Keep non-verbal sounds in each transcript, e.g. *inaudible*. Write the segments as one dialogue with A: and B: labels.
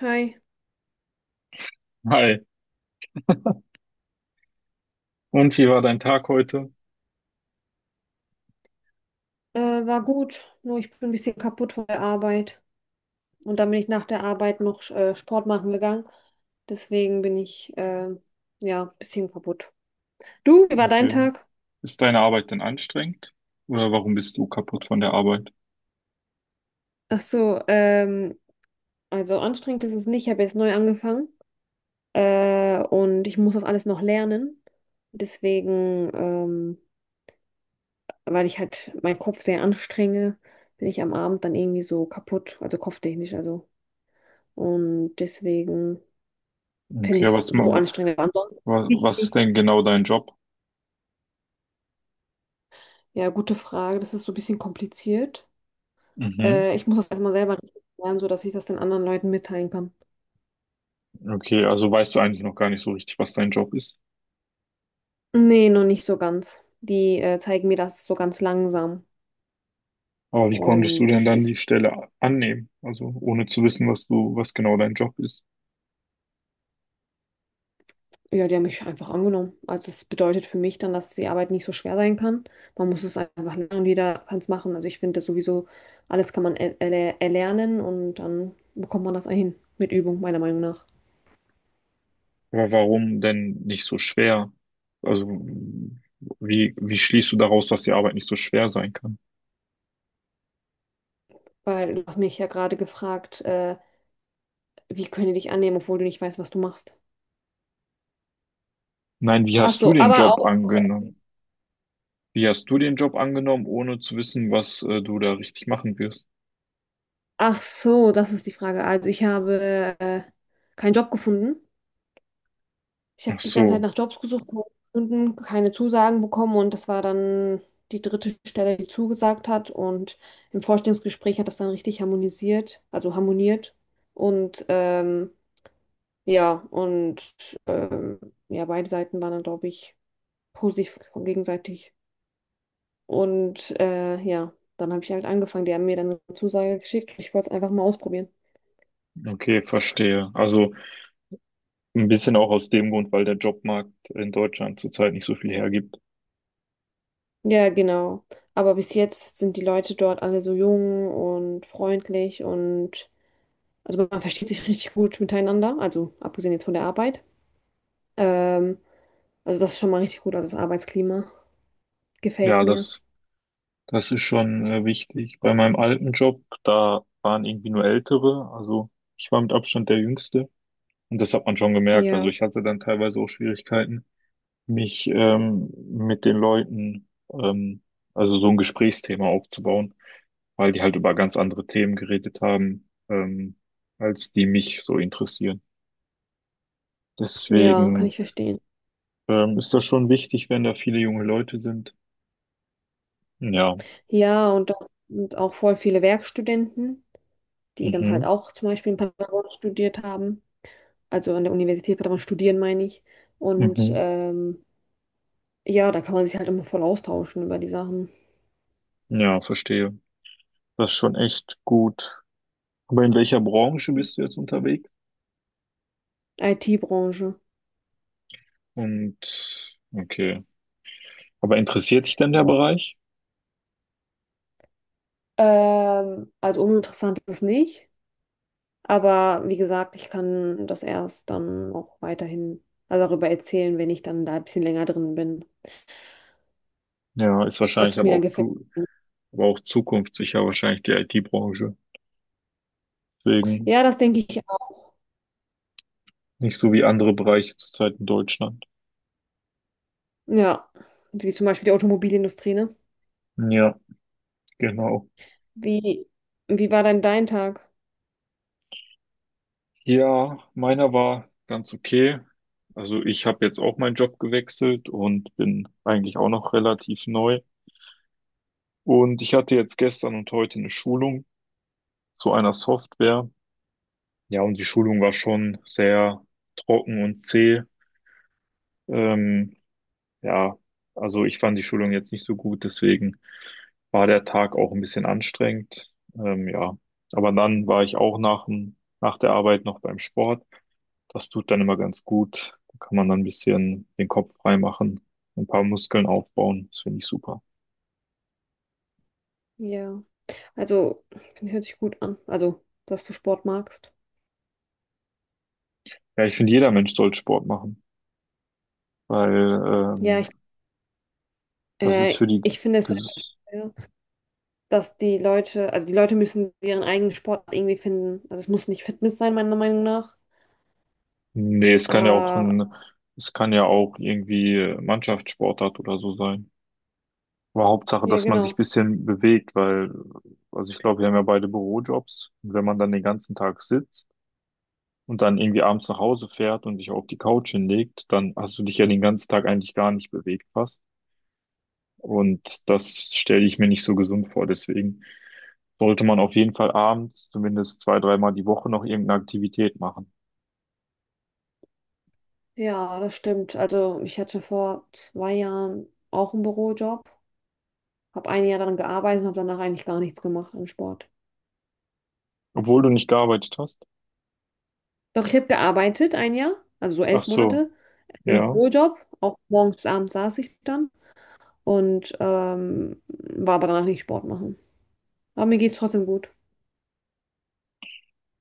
A: Hi,
B: Hi, und wie war dein Tag heute?
A: war gut, nur ich bin ein bisschen kaputt von der Arbeit. Und dann bin ich nach der Arbeit noch Sport machen gegangen. Deswegen bin ich ja ein bisschen kaputt. Du, wie war dein
B: Okay.
A: Tag?
B: Ist deine Arbeit denn anstrengend? Oder warum bist du kaputt von der Arbeit?
A: Ach so, also anstrengend ist es nicht. Ich habe jetzt neu angefangen und ich muss das alles noch lernen. Deswegen, weil ich halt meinen Kopf sehr anstrenge, bin ich am Abend dann irgendwie so kaputt, also kopftechnisch, also. Und deswegen. Finde
B: Okay,
A: ich
B: was,
A: so anstrengend. Aber ansonsten, nicht,
B: was ist
A: nicht.
B: denn genau dein Job?
A: Ja, gute Frage. Das ist so ein bisschen kompliziert.
B: Mhm.
A: Ich muss das erstmal selber richtig lernen, sodass ich das den anderen Leuten mitteilen kann.
B: Okay, also weißt du eigentlich noch gar nicht so richtig, was dein Job ist.
A: Nee, noch nicht so ganz. Die zeigen mir das so ganz langsam.
B: Aber wie konntest du
A: Und
B: denn dann
A: das,
B: die Stelle annehmen? Also ohne zu wissen, was du, was genau dein Job ist.
A: ja, die haben mich einfach angenommen. Also das bedeutet für mich dann, dass die Arbeit nicht so schwer sein kann. Man muss es einfach lernen, und jeder kann es machen. Also ich finde das sowieso, alles kann man erlernen und dann bekommt man das ein mit Übung, meiner Meinung nach.
B: Aber warum denn nicht so schwer? Also wie schließt du daraus, dass die Arbeit nicht so schwer sein kann?
A: Weil du hast mich ja gerade gefragt, wie können die dich annehmen, obwohl du nicht weißt, was du machst?
B: Nein, wie
A: Ach
B: hast du
A: so,
B: den
A: aber
B: Job
A: auch.
B: angenommen? Wie hast du den Job angenommen, ohne zu wissen, was du da richtig machen wirst?
A: Ach so, das ist die Frage. Also ich habe keinen Job gefunden. Ich
B: Ach
A: habe die ganze Zeit
B: so,
A: nach Jobs gesucht, keine gefunden, keine Zusagen bekommen und das war dann die dritte Stelle, die zugesagt hat. Und im Vorstellungsgespräch hat das dann richtig harmonisiert, also harmoniert. Und ja, und ja, beide Seiten waren dann, glaube ich, positiv gegenseitig. Und ja, dann habe ich halt angefangen. Die haben mir dann eine Zusage geschickt. Ich wollte es einfach mal ausprobieren.
B: okay, verstehe. Also ein bisschen auch aus dem Grund, weil der Jobmarkt in Deutschland zurzeit nicht so viel hergibt.
A: Ja, genau. Aber bis jetzt sind die Leute dort alle so jung und freundlich und also man versteht sich *laughs* richtig gut miteinander. Also abgesehen jetzt von der Arbeit. Ähm, also das ist schon mal richtig gut. Also das Arbeitsklima gefällt
B: Ja,
A: mir.
B: das, das ist schon wichtig. Bei meinem alten Job, da waren irgendwie nur Ältere. Also ich war mit Abstand der Jüngste. Und das hat man schon gemerkt. Also
A: Ja,
B: ich hatte dann teilweise auch Schwierigkeiten, mich mit den Leuten also so ein Gesprächsthema aufzubauen, weil die halt über ganz andere Themen geredet haben, als die mich so interessieren.
A: ja, kann
B: Deswegen
A: ich verstehen.
B: ist das schon wichtig, wenn da viele junge Leute sind. Ja,
A: Ja, und das sind auch voll viele Werkstudenten, die dann halt
B: mhm,
A: auch zum Beispiel in Paderborn studiert haben. Also an der Universität Paderborn studieren, meine ich. Und
B: mhm,
A: ja, da kann man sich halt immer voll austauschen über die Sachen.
B: ja, verstehe. Das ist schon echt gut. Aber in welcher Branche bist du jetzt unterwegs?
A: IT-Branche.
B: Und okay, aber interessiert dich denn der
A: Ja.
B: Bereich?
A: Also uninteressant ist es nicht, aber wie gesagt, ich kann das erst dann auch weiterhin also darüber erzählen, wenn ich dann da ein bisschen länger drin bin,
B: Ja, ist
A: ob
B: wahrscheinlich
A: es mir
B: aber
A: dann
B: auch
A: gefällt.
B: aber auch zukunftssicher wahrscheinlich die IT-Branche. Deswegen
A: Ja, das denke ich auch.
B: nicht so wie andere Bereiche zurzeit in Deutschland.
A: Ja, wie zum Beispiel die Automobilindustrie, ne?
B: Ja, genau.
A: Wie, wie war denn dein Tag?
B: Ja, meiner war ganz okay. Also ich habe jetzt auch meinen Job gewechselt und bin eigentlich auch noch relativ neu. Und ich hatte jetzt gestern und heute eine Schulung zu einer Software. Ja, und die Schulung war schon sehr trocken und zäh. Ähm, ja, also ich fand die Schulung jetzt nicht so gut, deswegen war der Tag auch ein bisschen anstrengend. Ja, aber dann war ich auch nach der Arbeit noch beim Sport. Das tut dann immer ganz gut. Da kann man dann ein bisschen den Kopf frei machen, ein paar Muskeln aufbauen. Das finde ich super.
A: Ja, also hört sich gut an. Also, dass du Sport magst.
B: Ja, ich finde, jeder Mensch sollte Sport machen, weil
A: Ja,
B: ähm, das ist für die.
A: ich finde es sehr
B: Ges
A: schwer, dass die Leute, also die Leute müssen ihren eigenen Sport irgendwie finden. Also es muss nicht Fitness sein, meiner Meinung nach.
B: Nee, es kann ja auch
A: Ja,
B: es kann ja auch irgendwie Mannschaftssportart oder so sein. Aber Hauptsache, dass man sich ein
A: genau.
B: bisschen bewegt, weil, also ich glaube, wir haben ja beide Bürojobs. Und wenn man dann den ganzen Tag sitzt und dann irgendwie abends nach Hause fährt und sich auf die Couch hinlegt, dann hast du dich ja den ganzen Tag eigentlich gar nicht bewegt, fast. Und das stelle ich mir nicht so gesund vor. Deswegen sollte man auf jeden Fall abends zumindest 2, 3 Mal die Woche noch irgendeine Aktivität machen.
A: Ja, das stimmt. Also ich hatte vor zwei Jahren auch einen Bürojob, habe ein Jahr daran gearbeitet und habe danach eigentlich gar nichts gemacht an Sport.
B: Obwohl du nicht gearbeitet hast.
A: Doch ich habe gearbeitet ein Jahr, also so
B: Ach
A: elf
B: so,
A: Monate, im
B: ja.
A: Bürojob. Auch morgens bis abends saß ich dann und war aber danach nicht Sport machen. Aber mir geht es trotzdem gut.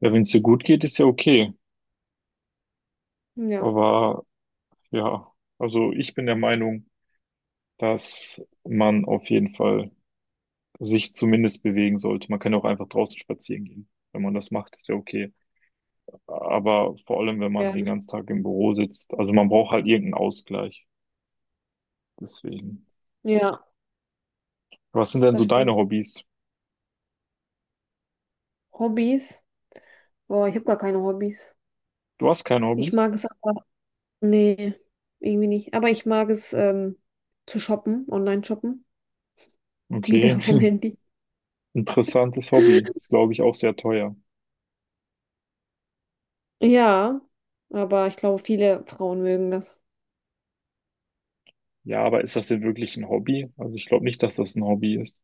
B: Ja, wenn es dir gut geht, ist ja okay.
A: Ja,
B: Aber ja, also ich bin der Meinung, dass man auf jeden Fall sich zumindest bewegen sollte. Man kann auch einfach draußen spazieren gehen. Wenn man das macht, ist ja okay. Aber vor allem, wenn man
A: ja,
B: den ganzen Tag im Büro sitzt. Also man braucht halt irgendeinen Ausgleich. Deswegen.
A: ja.
B: Was sind denn so
A: Das
B: deine
A: stimmt.
B: Hobbys?
A: Hobbys? Boah, ich habe gar keine Hobbys.
B: Du hast keine
A: Ich
B: Hobbys?
A: mag es aber, nee, irgendwie nicht. Aber ich mag es zu shoppen, online shoppen. *laughs*
B: Okay,
A: Wieder vom Handy.
B: *laughs* interessantes Hobby.
A: *laughs*
B: Ist, glaube ich, auch sehr teuer.
A: Ja, aber ich glaube, viele Frauen mögen das.
B: Ja, aber ist das denn wirklich ein Hobby? Also ich glaube nicht, dass das ein Hobby ist.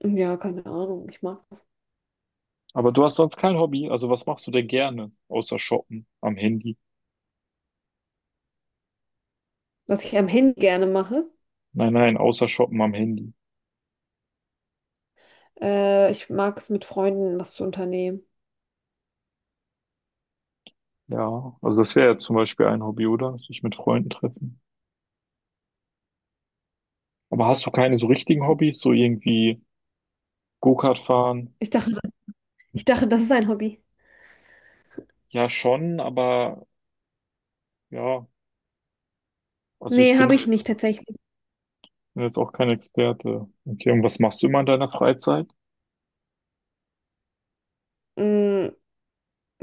A: Ja, keine Ahnung, ich mag das.
B: Aber du hast sonst kein Hobby. Also was machst du denn gerne? Außer shoppen am Handy.
A: Was ich am Handy gerne mache,
B: Nein, nein, außer shoppen am Handy.
A: ich mag es mit Freunden was zu unternehmen.
B: Ja, also das wäre ja zum Beispiel ein Hobby, oder? Sich mit Freunden treffen. Aber hast du keine so richtigen Hobbys? So irgendwie Go-Kart fahren?
A: Ich dachte, ich dachte, das ist ein Hobby.
B: Ja, schon, aber ja, also ich
A: Nee,
B: bin
A: habe
B: da
A: ich
B: jetzt.
A: nicht tatsächlich.
B: Bin jetzt auch kein Experte. Okay, und was machst du immer in deiner Freizeit?
A: Mm,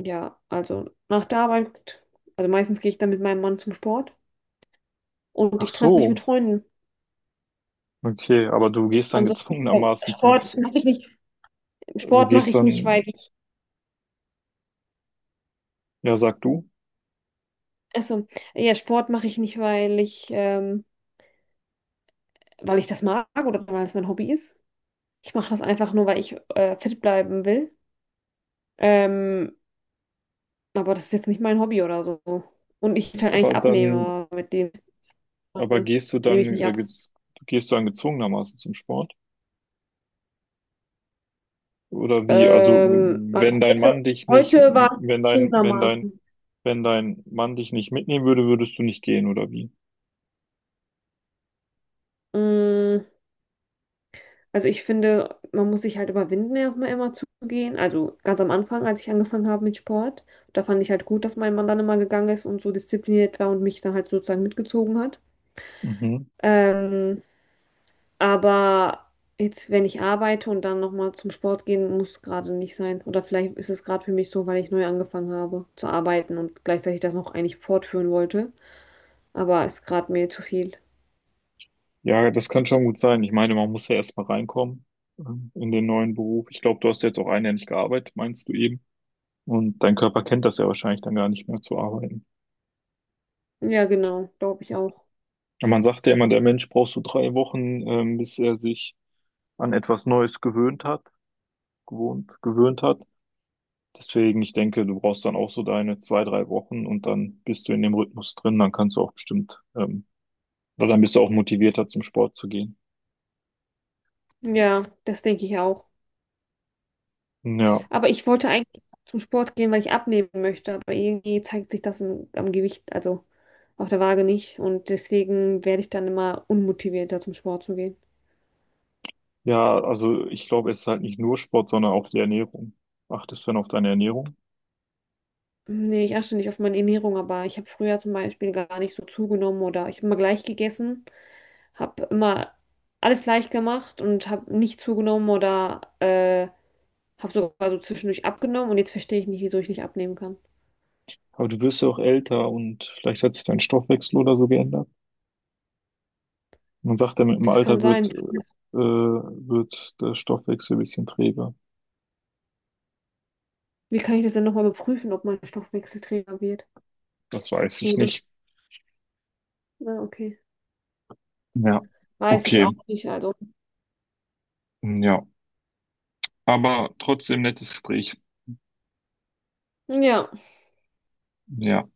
A: ja, also nach der Arbeit, also meistens gehe ich dann mit meinem Mann zum Sport und
B: Ach
A: ich treffe mich mit
B: so,
A: Freunden.
B: okay, aber du gehst dann
A: Ansonsten
B: gezwungenermaßen zum,
A: Sport mache ich nicht.
B: du
A: Sport mache
B: gehst
A: ich nicht, weil
B: dann,
A: ich,
B: ja, sag du,
A: also ja, Sport mache ich nicht, weil ich das mag oder weil es mein Hobby ist. Ich mache das einfach nur, weil ich fit bleiben will. Ähm, aber das ist jetzt nicht mein Hobby oder so. Und ich halt
B: aber
A: eigentlich abnehme,
B: dann,
A: aber mit dem
B: aber
A: mache,
B: gehst du
A: nehme ich nicht ab.
B: gehst du dann gezwungenermaßen zum Sport? Oder wie, also,
A: Also
B: wenn dein
A: heute,
B: Mann dich nicht,
A: heute war es zugegebenermaßen.
B: wenn dein Mann dich nicht mitnehmen würde, würdest du nicht gehen, oder wie?
A: Mm, also ich finde, man muss sich halt überwinden, erstmal immer zu gehen. Also ganz am Anfang, als ich angefangen habe mit Sport, da fand ich halt gut, dass mein Mann dann immer gegangen ist und so diszipliniert war und mich dann halt sozusagen mitgezogen hat.
B: Mhm.
A: Ähm, aber jetzt, wenn ich arbeite und dann nochmal zum Sport gehen, muss gerade nicht sein. Oder vielleicht ist es gerade für mich so, weil ich neu angefangen habe zu arbeiten und gleichzeitig das noch eigentlich fortführen wollte. Aber ist gerade mir zu viel.
B: Ja, das kann schon gut sein. Ich meine, man muss ja erstmal reinkommen in den neuen Beruf. Ich glaube, du hast jetzt auch 1 Jahr nicht gearbeitet, meinst du eben? Und dein Körper kennt das ja wahrscheinlich dann gar nicht mehr zu arbeiten.
A: Ja, genau, glaube ich auch.
B: Ja, man sagt ja immer, der Mensch braucht so 3 Wochen, bis er sich an etwas Neues gewöhnt hat. Deswegen, ich denke, du brauchst dann auch so deine 2, 3 Wochen und dann bist du in dem Rhythmus drin, dann kannst du auch bestimmt, oder dann bist du auch motivierter zum Sport zu gehen.
A: Ja, das denke ich auch.
B: Ja,
A: Aber ich wollte eigentlich zum Sport gehen, weil ich abnehmen möchte, aber irgendwie zeigt sich das im, am Gewicht, also auf der Waage nicht. Und deswegen werde ich dann immer unmotivierter, zum Sport zu gehen.
B: ja, also ich glaube, es ist halt nicht nur Sport, sondern auch die Ernährung. Achtest du dann auf deine Ernährung?
A: Nee, ich achte nicht auf meine Ernährung, aber ich habe früher zum Beispiel gar nicht so zugenommen oder ich habe immer gleich gegessen, habe immer alles gleich gemacht und habe nicht zugenommen oder habe sogar so zwischendurch abgenommen und jetzt verstehe ich nicht, wieso ich nicht abnehmen kann.
B: Aber du wirst ja auch älter und vielleicht hat sich dein Stoffwechsel oder so geändert. Man sagt ja, mit dem
A: Das kann
B: Alter
A: sein.
B: wird der Stoffwechsel ein bisschen träge.
A: Wie kann ich das denn nochmal überprüfen, ob mein Stoffwechselträger wird?
B: Das weiß ich
A: Wurde.
B: nicht.
A: Ja, okay.
B: Ja,
A: Weiß ich auch
B: okay.
A: nicht. Also,
B: Ja, aber trotzdem nettes Gespräch.
A: ja.
B: Ja.